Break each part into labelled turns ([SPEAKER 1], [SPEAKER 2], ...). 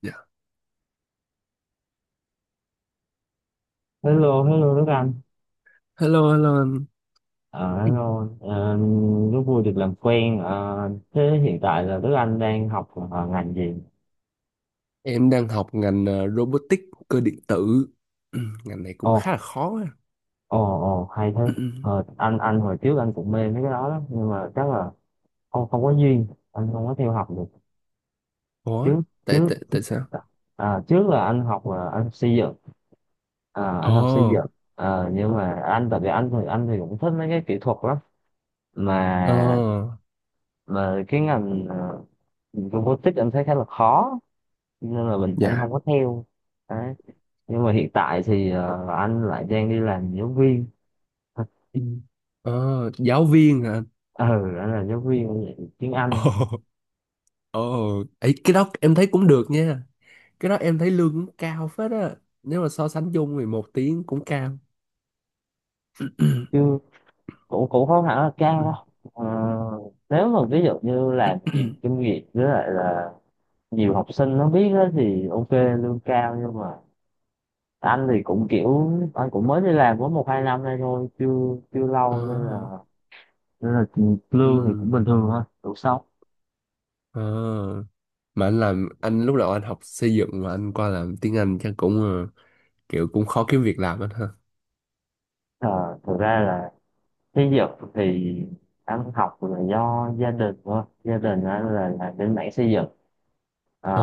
[SPEAKER 1] Dạ.
[SPEAKER 2] Hello, hello Đức Anh.
[SPEAKER 1] Hello, hello anh.
[SPEAKER 2] Ờ,
[SPEAKER 1] Ừ.
[SPEAKER 2] Hello. Ờ, Rất vui được làm quen. Ờ, Thế hiện tại là Đức Anh đang học ngành gì?
[SPEAKER 1] Em đang học ngành robotics cơ điện tử. Ừ, ngành này cũng khá
[SPEAKER 2] Ồ,
[SPEAKER 1] là khó á.
[SPEAKER 2] ồ, ồ, hay thế.
[SPEAKER 1] Ừ, ừ.
[SPEAKER 2] Anh hồi trước anh cũng mê mấy cái đó lắm, nhưng mà chắc là không không có duyên, anh không có theo học được.
[SPEAKER 1] Ủa?
[SPEAKER 2] Trước
[SPEAKER 1] Tại
[SPEAKER 2] trước
[SPEAKER 1] tại tại sao?
[SPEAKER 2] à, trước là anh học là anh xây dựng, à,
[SPEAKER 1] Ồ,
[SPEAKER 2] anh học xây dựng. Nhưng mà anh tại vì anh thì cũng thích mấy cái kỹ thuật lắm,
[SPEAKER 1] ờ,
[SPEAKER 2] mà mà cái ngành robotics anh thấy khá là khó nên là mình anh
[SPEAKER 1] dạ.
[SPEAKER 2] không có theo đấy. Nhưng mà hiện tại thì anh lại đang đi làm giáo viên.
[SPEAKER 1] Ừ. Ờ, giáo viên hả anh?
[SPEAKER 2] Ừ, anh là giáo viên dạy tiếng Anh.
[SPEAKER 1] Ồ, ồ, ấy cái đó em thấy cũng được nha. Cái đó em thấy lương cũng cao phết á. Nếu mà so sánh chung thì một tiếng cũng cao. Ừ,
[SPEAKER 2] Chứ cũng cũng không hẳn là cao
[SPEAKER 1] ừ,
[SPEAKER 2] đâu. Ờ, Nếu mà ví dụ như
[SPEAKER 1] ừ,
[SPEAKER 2] làm
[SPEAKER 1] ừ,
[SPEAKER 2] nhiều kinh nghiệm với lại là nhiều
[SPEAKER 1] ừ.
[SPEAKER 2] học sinh nó biết đó thì ok lương cao, nhưng mà anh thì cũng kiểu anh cũng mới đi làm có 1 2 năm nay thôi, chưa chưa
[SPEAKER 1] Ờ,
[SPEAKER 2] lâu nên là lương thì cũng
[SPEAKER 1] ừ,
[SPEAKER 2] bình thường thôi, đủ sống.
[SPEAKER 1] ờ. Mà anh làm, anh lúc đầu anh học xây dựng mà anh qua làm tiếng Anh chắc cũng kiểu cũng khó kiếm việc làm anh ha.
[SPEAKER 2] Ờ, Thực ra là, thí dụ thì anh học là do gia đình thôi, gia đình anh là bên mảng xây dựng.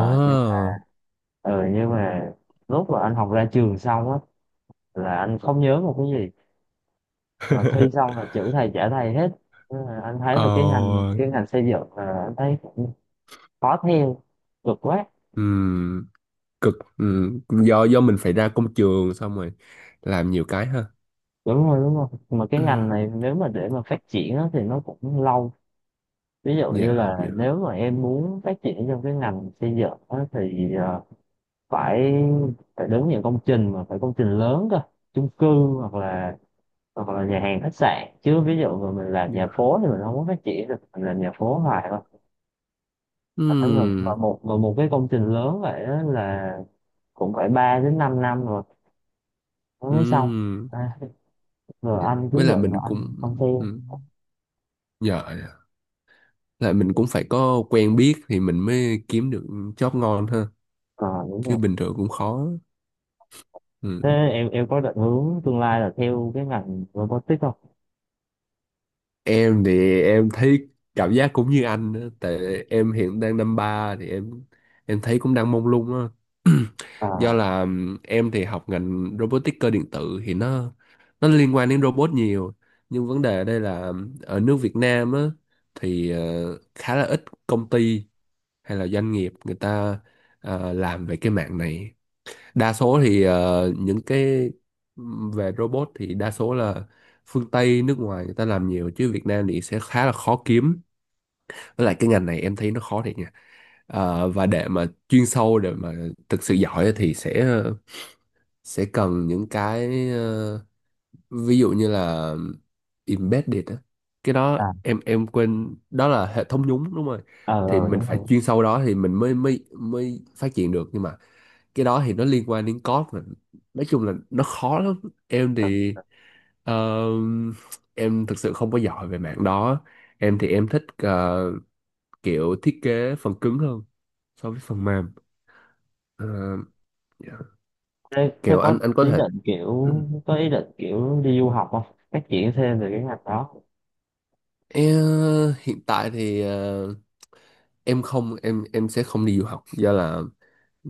[SPEAKER 1] Ờ.
[SPEAKER 2] nhưng, ừ, nhưng mà lúc mà anh học ra trường xong á là anh không nhớ một cái gì. Mà thi xong là chữ thầy trả thầy hết. Thế là anh thấy là cái ngành
[SPEAKER 1] Ờ.
[SPEAKER 2] cái ngành xây dựng là anh thấy cũng khó theo, cực quá.
[SPEAKER 1] Ừm, cực. Ừm, do mình phải ra công trường xong rồi làm nhiều cái ha.
[SPEAKER 2] Đúng rồi, đúng rồi, mà cái ngành này nếu mà để mà phát triển á, thì nó cũng lâu. Ví dụ
[SPEAKER 1] Dạ.
[SPEAKER 2] như là
[SPEAKER 1] Dạ.
[SPEAKER 2] nếu mà em muốn phát triển trong cái ngành xây dựng á, thì phải phải đến những công trình mà phải công trình lớn cơ, chung cư hoặc là nhà hàng khách sạn, chứ ví dụ mà mình làm nhà
[SPEAKER 1] Dạ.
[SPEAKER 2] phố thì mình không có phát triển được, mình làm nhà phố hoài thôi. Mà
[SPEAKER 1] Ừm.
[SPEAKER 2] một và một cái công trình lớn vậy đó là cũng phải 3 đến 5 năm rồi nó mới xong.
[SPEAKER 1] Ừm.
[SPEAKER 2] À, rồi
[SPEAKER 1] Dạ,
[SPEAKER 2] anh cứ
[SPEAKER 1] với lại
[SPEAKER 2] định rồi
[SPEAKER 1] mình
[SPEAKER 2] anh
[SPEAKER 1] cũng
[SPEAKER 2] không theo.
[SPEAKER 1] ừm, dạ dạ, lại mình cũng phải có quen biết thì mình mới kiếm được job ngon ha,
[SPEAKER 2] Còn đúng
[SPEAKER 1] chứ
[SPEAKER 2] rồi.
[SPEAKER 1] bình thường cũng khó.
[SPEAKER 2] Thế
[SPEAKER 1] Ừ.
[SPEAKER 2] em có định hướng tương lai là theo cái ngành robotics không?
[SPEAKER 1] Em thì em thấy cảm giác cũng như anh á, tại em hiện đang năm ba thì em thấy cũng đang mông lung á. Do
[SPEAKER 2] à
[SPEAKER 1] là em thì học ngành robotic cơ điện tử thì nó liên quan đến robot nhiều, nhưng vấn đề ở đây là ở nước Việt Nam á thì khá là ít công ty hay là doanh nghiệp người ta làm về cái mạng này. Đa số thì những cái về robot thì đa số là phương Tây nước ngoài người ta làm nhiều, chứ Việt Nam thì sẽ khá là khó kiếm. Với lại cái ngành này em thấy nó khó thiệt nha. Ờ, và để mà chuyên sâu để mà thực sự giỏi thì sẽ cần những cái ví dụ như là embedded á. Cái đó
[SPEAKER 2] à
[SPEAKER 1] em quên, đó là hệ thống nhúng, đúng rồi. Thì
[SPEAKER 2] ờ,
[SPEAKER 1] mình
[SPEAKER 2] Đúng rồi.
[SPEAKER 1] phải chuyên sâu đó thì mình mới mới mới phát triển được, nhưng mà cái đó thì nó liên quan đến code mà, nói chung là nó khó lắm. Em
[SPEAKER 2] Ờ.
[SPEAKER 1] thì ờ, em thực sự không có giỏi về mảng đó. Em thì em thích kiểu thiết kế phần cứng hơn so với phần mềm. Ờ, dạ.
[SPEAKER 2] Thế, thế
[SPEAKER 1] Kiểu anh
[SPEAKER 2] có
[SPEAKER 1] anh có
[SPEAKER 2] ý
[SPEAKER 1] thể
[SPEAKER 2] định kiểu có ý định kiểu đi du học không? Phát triển thêm về cái ngành đó.
[SPEAKER 1] em, hiện tại thì em không, em em sẽ không đi du học do là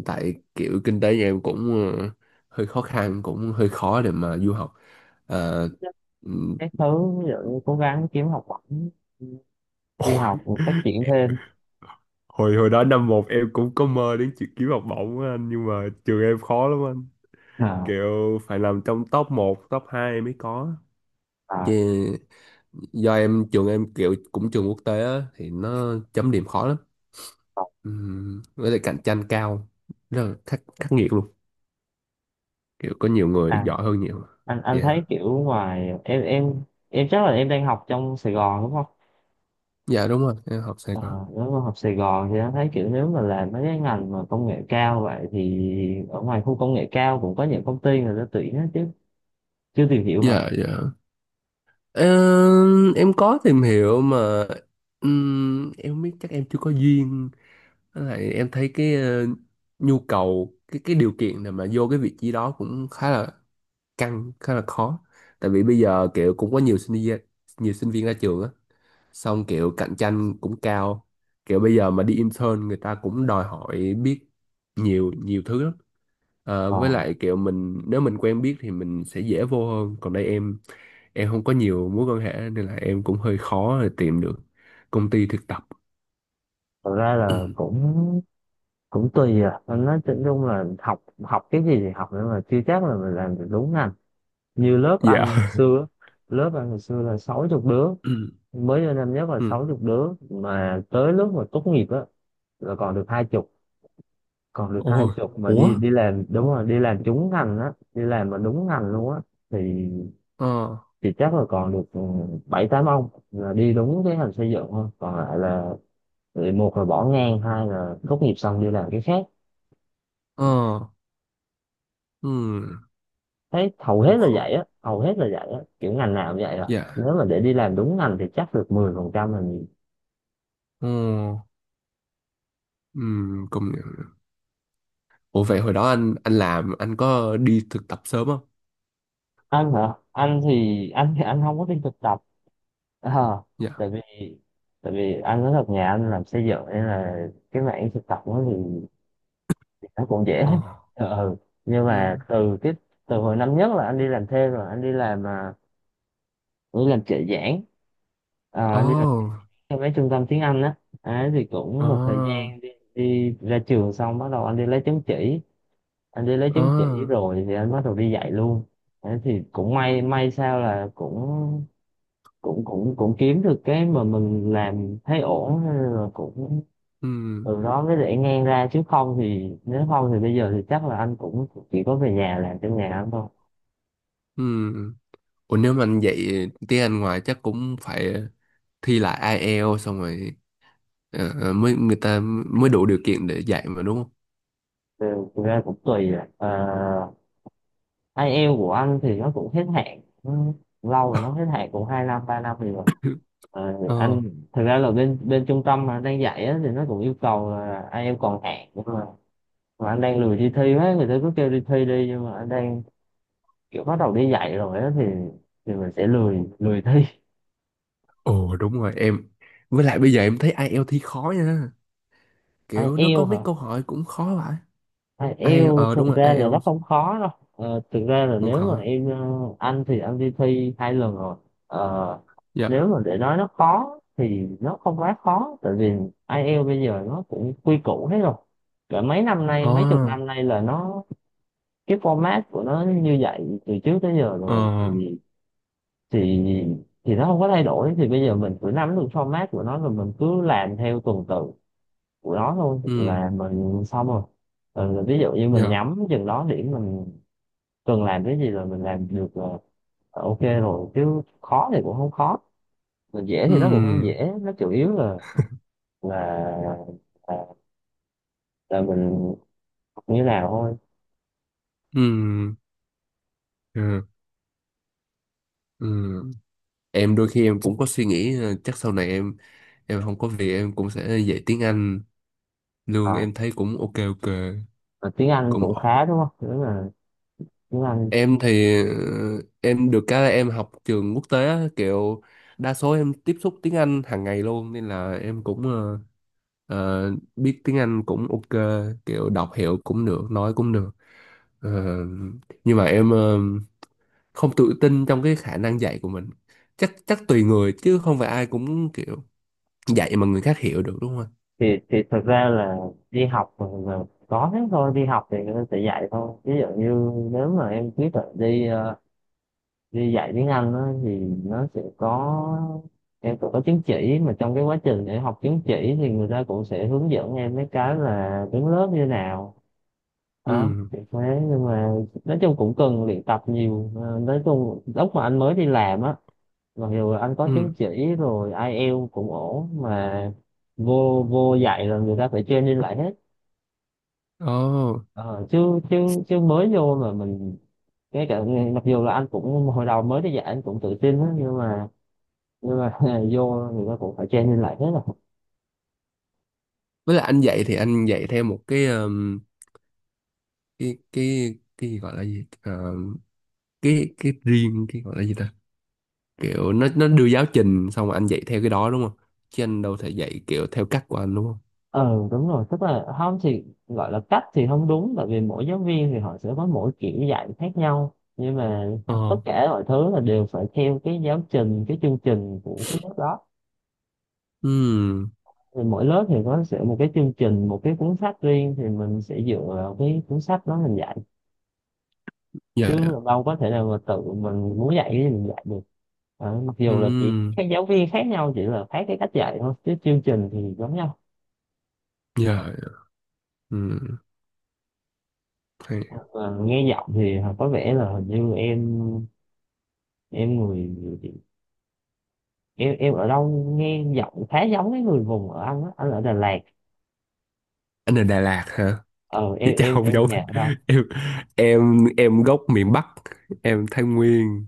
[SPEAKER 1] tại kiểu kinh tế nhà em cũng ờ, hơi khó khăn, cũng hơi khó để mà du học. Ờ, ừm.
[SPEAKER 2] Các thứ, ví dụ như cố gắng kiếm học bổng, đi học phát triển thêm.
[SPEAKER 1] hồi hồi đó năm một em cũng có mơ đến chuyện kiếm học bổng á anh, nhưng mà trường em khó lắm anh,
[SPEAKER 2] À,
[SPEAKER 1] kiểu phải nằm trong top một top 2 mới có. Chứ
[SPEAKER 2] à,
[SPEAKER 1] do em trường em kiểu cũng trường quốc tế á, thì nó chấm điểm khó lắm.
[SPEAKER 2] còn-
[SPEAKER 1] Với lại cạnh tranh cao, rất là khắc, khắc nghiệt luôn. Kiểu có nhiều người
[SPEAKER 2] à,
[SPEAKER 1] giỏi hơn nhiều.
[SPEAKER 2] anh
[SPEAKER 1] Dạ.
[SPEAKER 2] thấy kiểu ngoài em chắc là em đang học trong Sài Gòn đúng không?
[SPEAKER 1] Dạ đúng rồi, em học Sài
[SPEAKER 2] À,
[SPEAKER 1] Gòn.
[SPEAKER 2] nếu mà học Sài Gòn thì anh thấy kiểu nếu mà làm mấy cái ngành mà công nghệ cao vậy thì ở ngoài khu công nghệ cao cũng có những công ty người ta tuyển hết chứ, chưa tìm hiểu hả?
[SPEAKER 1] Dạ, dạ. Ờ, em có tìm hiểu mà em biết chắc em chưa có duyên. Với lại em thấy cái nhu cầu cái điều kiện để mà vô cái vị trí đó cũng khá là căng, khá là khó. Tại vì bây giờ kiểu cũng có nhiều sinh viên, nhiều sinh viên ra trường á, xong kiểu cạnh tranh cũng cao, kiểu bây giờ mà đi intern người ta cũng đòi hỏi biết nhiều nhiều thứ lắm. Ờ,
[SPEAKER 2] Ờ,
[SPEAKER 1] với lại kiểu mình nếu mình quen biết thì mình sẽ dễ vô hơn, còn đây em không có nhiều mối quan hệ nên là em cũng hơi khó để tìm được công ty thực tập.
[SPEAKER 2] Thật ra là cũng cũng tùy à. Anh nói chung chung là học học cái gì thì học, nhưng mà chưa chắc là mình làm được đúng ngành. Như lớp anh hồi
[SPEAKER 1] Dạ.
[SPEAKER 2] xưa, lớp anh hồi xưa là sáu chục đứa. Mới vô năm nhất là
[SPEAKER 1] Ừ.
[SPEAKER 2] sáu chục đứa mà tới lúc mà tốt nghiệp á là còn được hai chục. Còn được hai
[SPEAKER 1] Ôi,
[SPEAKER 2] chục mà
[SPEAKER 1] ủa?
[SPEAKER 2] đi đi làm, đúng rồi, đi làm trúng ngành á, đi làm mà đúng ngành luôn á thì
[SPEAKER 1] Ờ,
[SPEAKER 2] thì chắc là còn được bảy tám ông là đi đúng cái ngành xây dựng thôi, còn lại là thì một là bỏ ngang, hai là tốt nghiệp xong đi làm cái khác.
[SPEAKER 1] ờ, ừm,
[SPEAKER 2] Thấy hầu hết
[SPEAKER 1] cũng
[SPEAKER 2] là vậy
[SPEAKER 1] khó.
[SPEAKER 2] á, hầu hết là vậy á, kiểu ngành nào cũng vậy rồi.
[SPEAKER 1] Dạ,
[SPEAKER 2] Nếu mà để đi làm đúng ngành thì chắc được 10% là nhiều.
[SPEAKER 1] ồ, công nhận. Ủa vậy hồi đó anh làm, anh có đi thực tập sớm không?
[SPEAKER 2] Anh hả? Anh thì anh không có đi thực tập. Ờ,
[SPEAKER 1] Dạ,
[SPEAKER 2] tại vì tại vì anh nói thật, nhà anh làm xây dựng nên là cái mảng thực tập nó thì nó cũng dễ.
[SPEAKER 1] ờ,
[SPEAKER 2] Ờ. Nhưng mà
[SPEAKER 1] ừm,
[SPEAKER 2] từ từ hồi năm nhất là anh đi làm thêm rồi, anh đi làm, anh đi làm trợ giảng.
[SPEAKER 1] ồ,
[SPEAKER 2] Anh đi làm cho mấy trung tâm tiếng Anh á. Đấy, thì cũng một thời
[SPEAKER 1] ờ,
[SPEAKER 2] gian đi, đi ra trường xong bắt đầu anh đi lấy chứng chỉ. Anh đi lấy
[SPEAKER 1] ờ,
[SPEAKER 2] chứng chỉ rồi thì anh bắt đầu đi dạy luôn. Thế thì cũng may may sao là cũng cũng kiếm được cái mà mình làm thấy ổn, nên là cũng
[SPEAKER 1] ừm,
[SPEAKER 2] từ đó mới để ngang ra, chứ không thì nếu không thì bây giờ thì chắc là anh cũng chỉ có về nhà làm trong nhà anh thôi.
[SPEAKER 1] ừm. Ủa nếu mà anh dạy tiếng Anh ngoài chắc cũng phải thi lại IELTS xong rồi mới người ta mới đủ điều kiện để dạy mà đúng không?
[SPEAKER 2] Thực ra cũng tùy à. Ờ, IELTS của anh thì nó cũng hết hạn, nó lâu rồi, nó hết hạn cũng hai năm ba năm rồi. Anh
[SPEAKER 1] Ờ,
[SPEAKER 2] thực ra là bên bên trung tâm mà đang dạy á, thì nó cũng yêu cầu là IELTS còn hạn, nhưng mà anh đang lười đi thi hết, người ta cứ kêu đi thi đi, nhưng mà anh đang kiểu bắt đầu đi dạy rồi á thì mình sẽ lười lười thi.
[SPEAKER 1] ồ đúng rồi em. Với lại bây giờ em thấy IELTS thi khó nha,
[SPEAKER 2] Ai
[SPEAKER 1] kiểu nó có
[SPEAKER 2] yêu
[SPEAKER 1] mấy
[SPEAKER 2] hả?
[SPEAKER 1] câu hỏi cũng khó vậy.
[SPEAKER 2] Ai
[SPEAKER 1] IELTS,
[SPEAKER 2] yêu
[SPEAKER 1] ờ
[SPEAKER 2] thực
[SPEAKER 1] đúng rồi,
[SPEAKER 2] ra là nó
[SPEAKER 1] IELTS
[SPEAKER 2] không khó đâu. Ờ, thực ra là
[SPEAKER 1] cũng
[SPEAKER 2] nếu mà
[SPEAKER 1] khó.
[SPEAKER 2] em ờ, Anh thì anh đi thi hai lần rồi. ờ,
[SPEAKER 1] Dạ.
[SPEAKER 2] Nếu mà để nói nó khó thì nó không quá khó, tại vì ai IELTS bây giờ nó cũng quy củ hết rồi. Cả mấy năm nay,
[SPEAKER 1] Ờ.
[SPEAKER 2] mấy chục năm nay là nó cái format của nó như vậy từ trước tới giờ
[SPEAKER 1] Ờ.
[SPEAKER 2] rồi thì thì thì nó không có thay đổi. Thì bây giờ mình cứ nắm được format của nó rồi mình cứ làm theo tuần tự của nó thôi
[SPEAKER 1] Ừ.
[SPEAKER 2] là mình xong rồi. Ừ, ví dụ như mình
[SPEAKER 1] Dạ.
[SPEAKER 2] nhắm chừng đó điểm, mình cần làm cái gì rồi mình làm được là ok rồi, chứ khó thì cũng không khó, mà dễ thì nó cũng không
[SPEAKER 1] Ừ.
[SPEAKER 2] dễ. Nó chủ yếu là là là, là mình học như nào thôi.
[SPEAKER 1] Ừ. Ừ. Ừ. Em đôi khi em cũng có suy nghĩ chắc sau này em không có việc em cũng sẽ dạy tiếng Anh, lương
[SPEAKER 2] À,
[SPEAKER 1] em thấy cũng ok ok.
[SPEAKER 2] mà tiếng Anh
[SPEAKER 1] Cũng
[SPEAKER 2] cũng
[SPEAKER 1] ổn.
[SPEAKER 2] khá đúng không, nếu mà tiếng Anh
[SPEAKER 1] Em thì em được cái là em học trường quốc tế á, kiểu đa số em tiếp xúc tiếng Anh hàng ngày luôn, nên là em cũng ờ, biết tiếng Anh cũng ok, kiểu đọc hiểu cũng được, nói cũng được. Ờ, nhưng mà em không tự tin trong cái khả năng dạy của mình. Chắc chắc tùy người chứ không phải ai cũng kiểu dạy mà người khác hiểu được đúng không anh?
[SPEAKER 2] thì thật ra là đi học mà là có thế thôi, đi học thì nó sẽ dạy thôi. Ví dụ như nếu mà em quyết định đi đi dạy tiếng Anh á, thì nó sẽ có, em cũng có chứng chỉ mà trong cái quá trình để học chứng chỉ thì người ta cũng sẽ hướng dẫn em mấy cái là đứng lớp như nào
[SPEAKER 1] Ừ.
[SPEAKER 2] đó. Thì thế, nhưng mà nói chung cũng cần luyện tập nhiều. Ờ, nói chung lúc mà anh mới đi làm á, mặc dù anh có chứng
[SPEAKER 1] Ừ.
[SPEAKER 2] chỉ rồi, ai IELTS cũng ổn, mà vô vô dạy là người ta phải training lại hết.
[SPEAKER 1] Ồ,
[SPEAKER 2] Ờ, chứ chứ chứ mới vô mà mình cái cả mặc dù là anh cũng hồi đầu mới đi dạy anh cũng tự tin á, nhưng mà vô người ta cũng phải training lại hết rồi.
[SPEAKER 1] với lại anh dạy thì anh dạy theo một cái gọi là gì, ờ, cái riêng cái gọi là gì ta, kiểu nó đưa giáo trình xong rồi anh dạy theo cái đó đúng không, chứ anh đâu thể dạy kiểu theo cách của anh đúng không?
[SPEAKER 2] Ừ đúng rồi, tức là không thì gọi là cách thì không đúng, tại vì mỗi giáo viên thì họ sẽ có mỗi kiểu dạy khác nhau, nhưng mà tất
[SPEAKER 1] Ờ.
[SPEAKER 2] cả mọi thứ là đều phải theo cái giáo trình, cái chương trình của cái lớp đó.
[SPEAKER 1] Ừ.
[SPEAKER 2] Thì mỗi lớp thì có sẽ một cái chương trình, một cái cuốn sách riêng, thì mình sẽ dựa vào cái cuốn sách đó mình dạy, chứ
[SPEAKER 1] Dạ dạ.
[SPEAKER 2] đâu có thể nào mà tự mình muốn dạy thì mình dạy được. Ờ, mặc dù là chỉ
[SPEAKER 1] Ừm,
[SPEAKER 2] các giáo viên khác nhau chỉ là khác cái cách dạy thôi, chứ chương trình thì giống nhau.
[SPEAKER 1] dạ dạ. Ừm, hay.
[SPEAKER 2] Ờ, nghe giọng thì có vẻ là hình như em người em ở đâu, nghe giọng khá giống cái người vùng ở anh á, anh ở Đà Lạt.
[SPEAKER 1] Anh ở Đà Lạt hả?
[SPEAKER 2] Ờ em
[SPEAKER 1] Vậy chắc
[SPEAKER 2] em
[SPEAKER 1] không
[SPEAKER 2] em
[SPEAKER 1] giống
[SPEAKER 2] nhà ở đâu?
[SPEAKER 1] em, em gốc miền Bắc, em Thái Nguyên,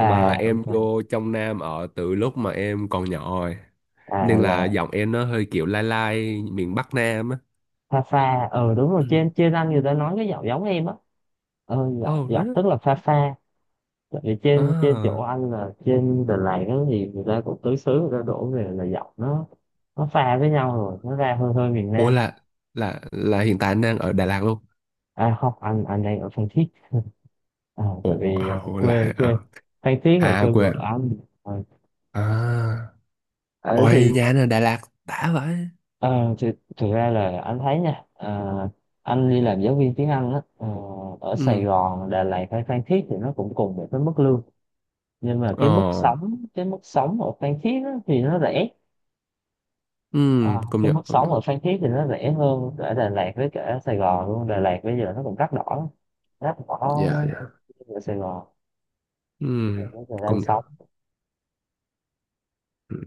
[SPEAKER 1] mà em
[SPEAKER 2] ok.
[SPEAKER 1] vô trong Nam ở từ lúc mà em còn nhỏ rồi.
[SPEAKER 2] À
[SPEAKER 1] Nên là
[SPEAKER 2] là
[SPEAKER 1] giọng em nó hơi kiểu lai lai miền Bắc Nam á.
[SPEAKER 2] Pha Pha, ờ đúng rồi,
[SPEAKER 1] Ừm.
[SPEAKER 2] trên trên anh người ta nói cái giọng giống em á. Ờ, giọng
[SPEAKER 1] Oh,
[SPEAKER 2] giọng
[SPEAKER 1] really?
[SPEAKER 2] tức là Pha Pha. Tại vì trên trên chỗ
[SPEAKER 1] À.
[SPEAKER 2] anh là trên Đà Lạt đó thì người ta cũng tứ xứ, người ta đổ về là giọng nó pha với nhau rồi
[SPEAKER 1] Ừ.
[SPEAKER 2] nó ra hơi hơi miền
[SPEAKER 1] Ủa
[SPEAKER 2] Nam.
[SPEAKER 1] là hiện tại anh đang ở Đà Lạt luôn.
[SPEAKER 2] À không, anh đang ở Phan Thiết. À, tại
[SPEAKER 1] Ủa,
[SPEAKER 2] vì
[SPEAKER 1] à, ủa là
[SPEAKER 2] quê
[SPEAKER 1] à,
[SPEAKER 2] quê Phan Thiết là
[SPEAKER 1] à
[SPEAKER 2] quê vợ
[SPEAKER 1] quên.
[SPEAKER 2] anh. Ờ,
[SPEAKER 1] À.
[SPEAKER 2] Ờ, thì
[SPEAKER 1] Ôi nhà anh ở Đà Lạt đã vậy.
[SPEAKER 2] Ờ, thì, thực ra là anh thấy nha, anh đi làm giáo viên tiếng Anh á, ở Sài
[SPEAKER 1] Ừ.
[SPEAKER 2] Gòn, Đà Lạt hay Phan Thiết thì nó cũng cùng một cái mức lương, nhưng mà
[SPEAKER 1] Ờ,
[SPEAKER 2] cái mức sống ở Phan Thiết á, thì nó rẻ. À,
[SPEAKER 1] công
[SPEAKER 2] cái
[SPEAKER 1] nhận,
[SPEAKER 2] mức
[SPEAKER 1] công
[SPEAKER 2] sống
[SPEAKER 1] nhận.
[SPEAKER 2] ở Phan Thiết thì nó rẻ hơn ở Đà Lạt với cả Sài Gòn luôn. Đà Lạt bây giờ nó cũng đắt đỏ lắm. Đắt đỏ
[SPEAKER 1] Dạ, dạ.
[SPEAKER 2] ở Sài Gòn bây giờ
[SPEAKER 1] Ừm,
[SPEAKER 2] nó về đây
[SPEAKER 1] công nhận.
[SPEAKER 2] sống.
[SPEAKER 1] Ừm.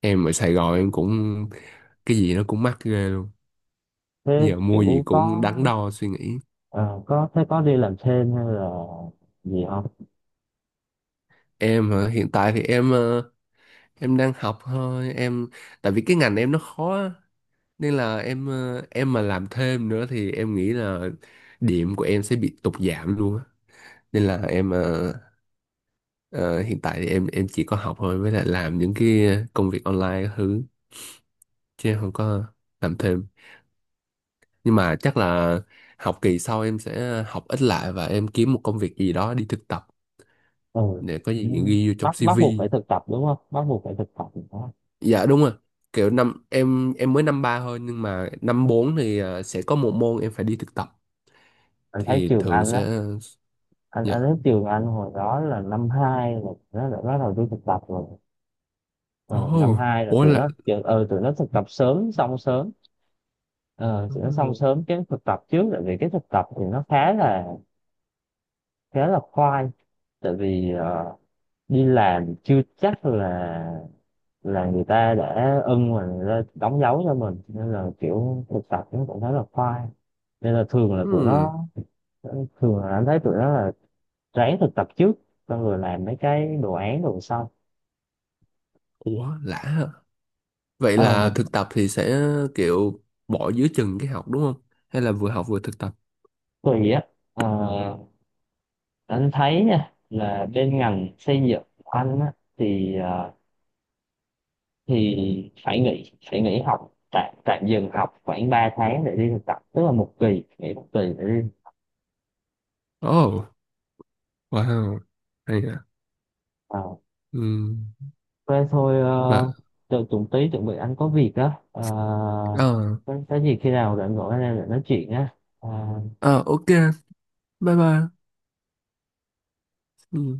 [SPEAKER 1] Em ở Sài Gòn em cũng cái gì nó cũng mắc ghê luôn.
[SPEAKER 2] Thế
[SPEAKER 1] Giờ mua gì
[SPEAKER 2] kiểu
[SPEAKER 1] cũng
[SPEAKER 2] có
[SPEAKER 1] đắn đo suy nghĩ.
[SPEAKER 2] ờ, có thế có đi làm thêm hay là gì không?
[SPEAKER 1] Em hả? Hiện tại thì em em đang học thôi. Em tại vì cái ngành em nó khó á, nên là em em mà làm thêm nữa thì em nghĩ là điểm của em sẽ bị tụt giảm luôn á. Nên là em ờ, hiện tại thì em chỉ có học thôi, với lại làm những cái công việc online các thứ, chứ không có làm thêm. Nhưng mà chắc là học kỳ sau em sẽ học ít lại và em kiếm một công việc gì đó đi thực tập,
[SPEAKER 2] Ừ.
[SPEAKER 1] để có
[SPEAKER 2] Ừ,
[SPEAKER 1] gì ghi vô trong
[SPEAKER 2] bắt bắt buộc
[SPEAKER 1] CV.
[SPEAKER 2] phải thực tập đúng không, bắt buộc phải thực tập đúng không?
[SPEAKER 1] Dạ đúng rồi, kiểu năm em mới năm ba thôi nhưng mà năm bốn thì à, sẽ có một môn em phải đi thực tập
[SPEAKER 2] Anh thấy
[SPEAKER 1] thì
[SPEAKER 2] trường
[SPEAKER 1] thường
[SPEAKER 2] anh đó,
[SPEAKER 1] sẽ
[SPEAKER 2] anh
[SPEAKER 1] dạ.
[SPEAKER 2] thấy trường anh hồi đó là năm hai là nó đã bắt đầu đi thực tập rồi. Ờ, năm
[SPEAKER 1] Ồ.
[SPEAKER 2] hai là
[SPEAKER 1] Ủa
[SPEAKER 2] tụi
[SPEAKER 1] là
[SPEAKER 2] nó ờ tụi nó thực tập sớm xong sớm. Ờ, sẽ xong sớm cái thực tập trước, tại vì cái thực tập thì nó khá là khoai. Tại vì đi làm chưa chắc là người ta đã ưng mà người ta đóng dấu cho mình, nên là kiểu thực tập nó cũng khá là khoai. Nên là thường là tụi
[SPEAKER 1] hmm.
[SPEAKER 2] nó thường là anh thấy tụi nó là ráng thực tập trước, xong rồi làm mấy cái đồ án đồ sau.
[SPEAKER 1] Ủa lạ hả? Vậy
[SPEAKER 2] ờ,
[SPEAKER 1] là thực tập thì sẽ kiểu bỏ giữa chừng cái học đúng không, hay là vừa học vừa thực tập?
[SPEAKER 2] Tùy á. ờ, anh thấy nha là bên ngành xây dựng của anh á, thì thì phải nghỉ học, tạm tạm dừng học khoảng 3 tháng để đi thực tập, tức là một kỳ nghỉ, một kỳ để đi.
[SPEAKER 1] Ồ, wow, hay à.
[SPEAKER 2] À,
[SPEAKER 1] Ừ.
[SPEAKER 2] thế thôi.
[SPEAKER 1] Mà
[SPEAKER 2] Ờ, Đợi tụi tí chuẩn bị, anh có việc á. À,
[SPEAKER 1] ờ,
[SPEAKER 2] có gì khi nào rảnh gọi anh em để nói chuyện á. Ờ,
[SPEAKER 1] ờ ok, bye bye. Ừ.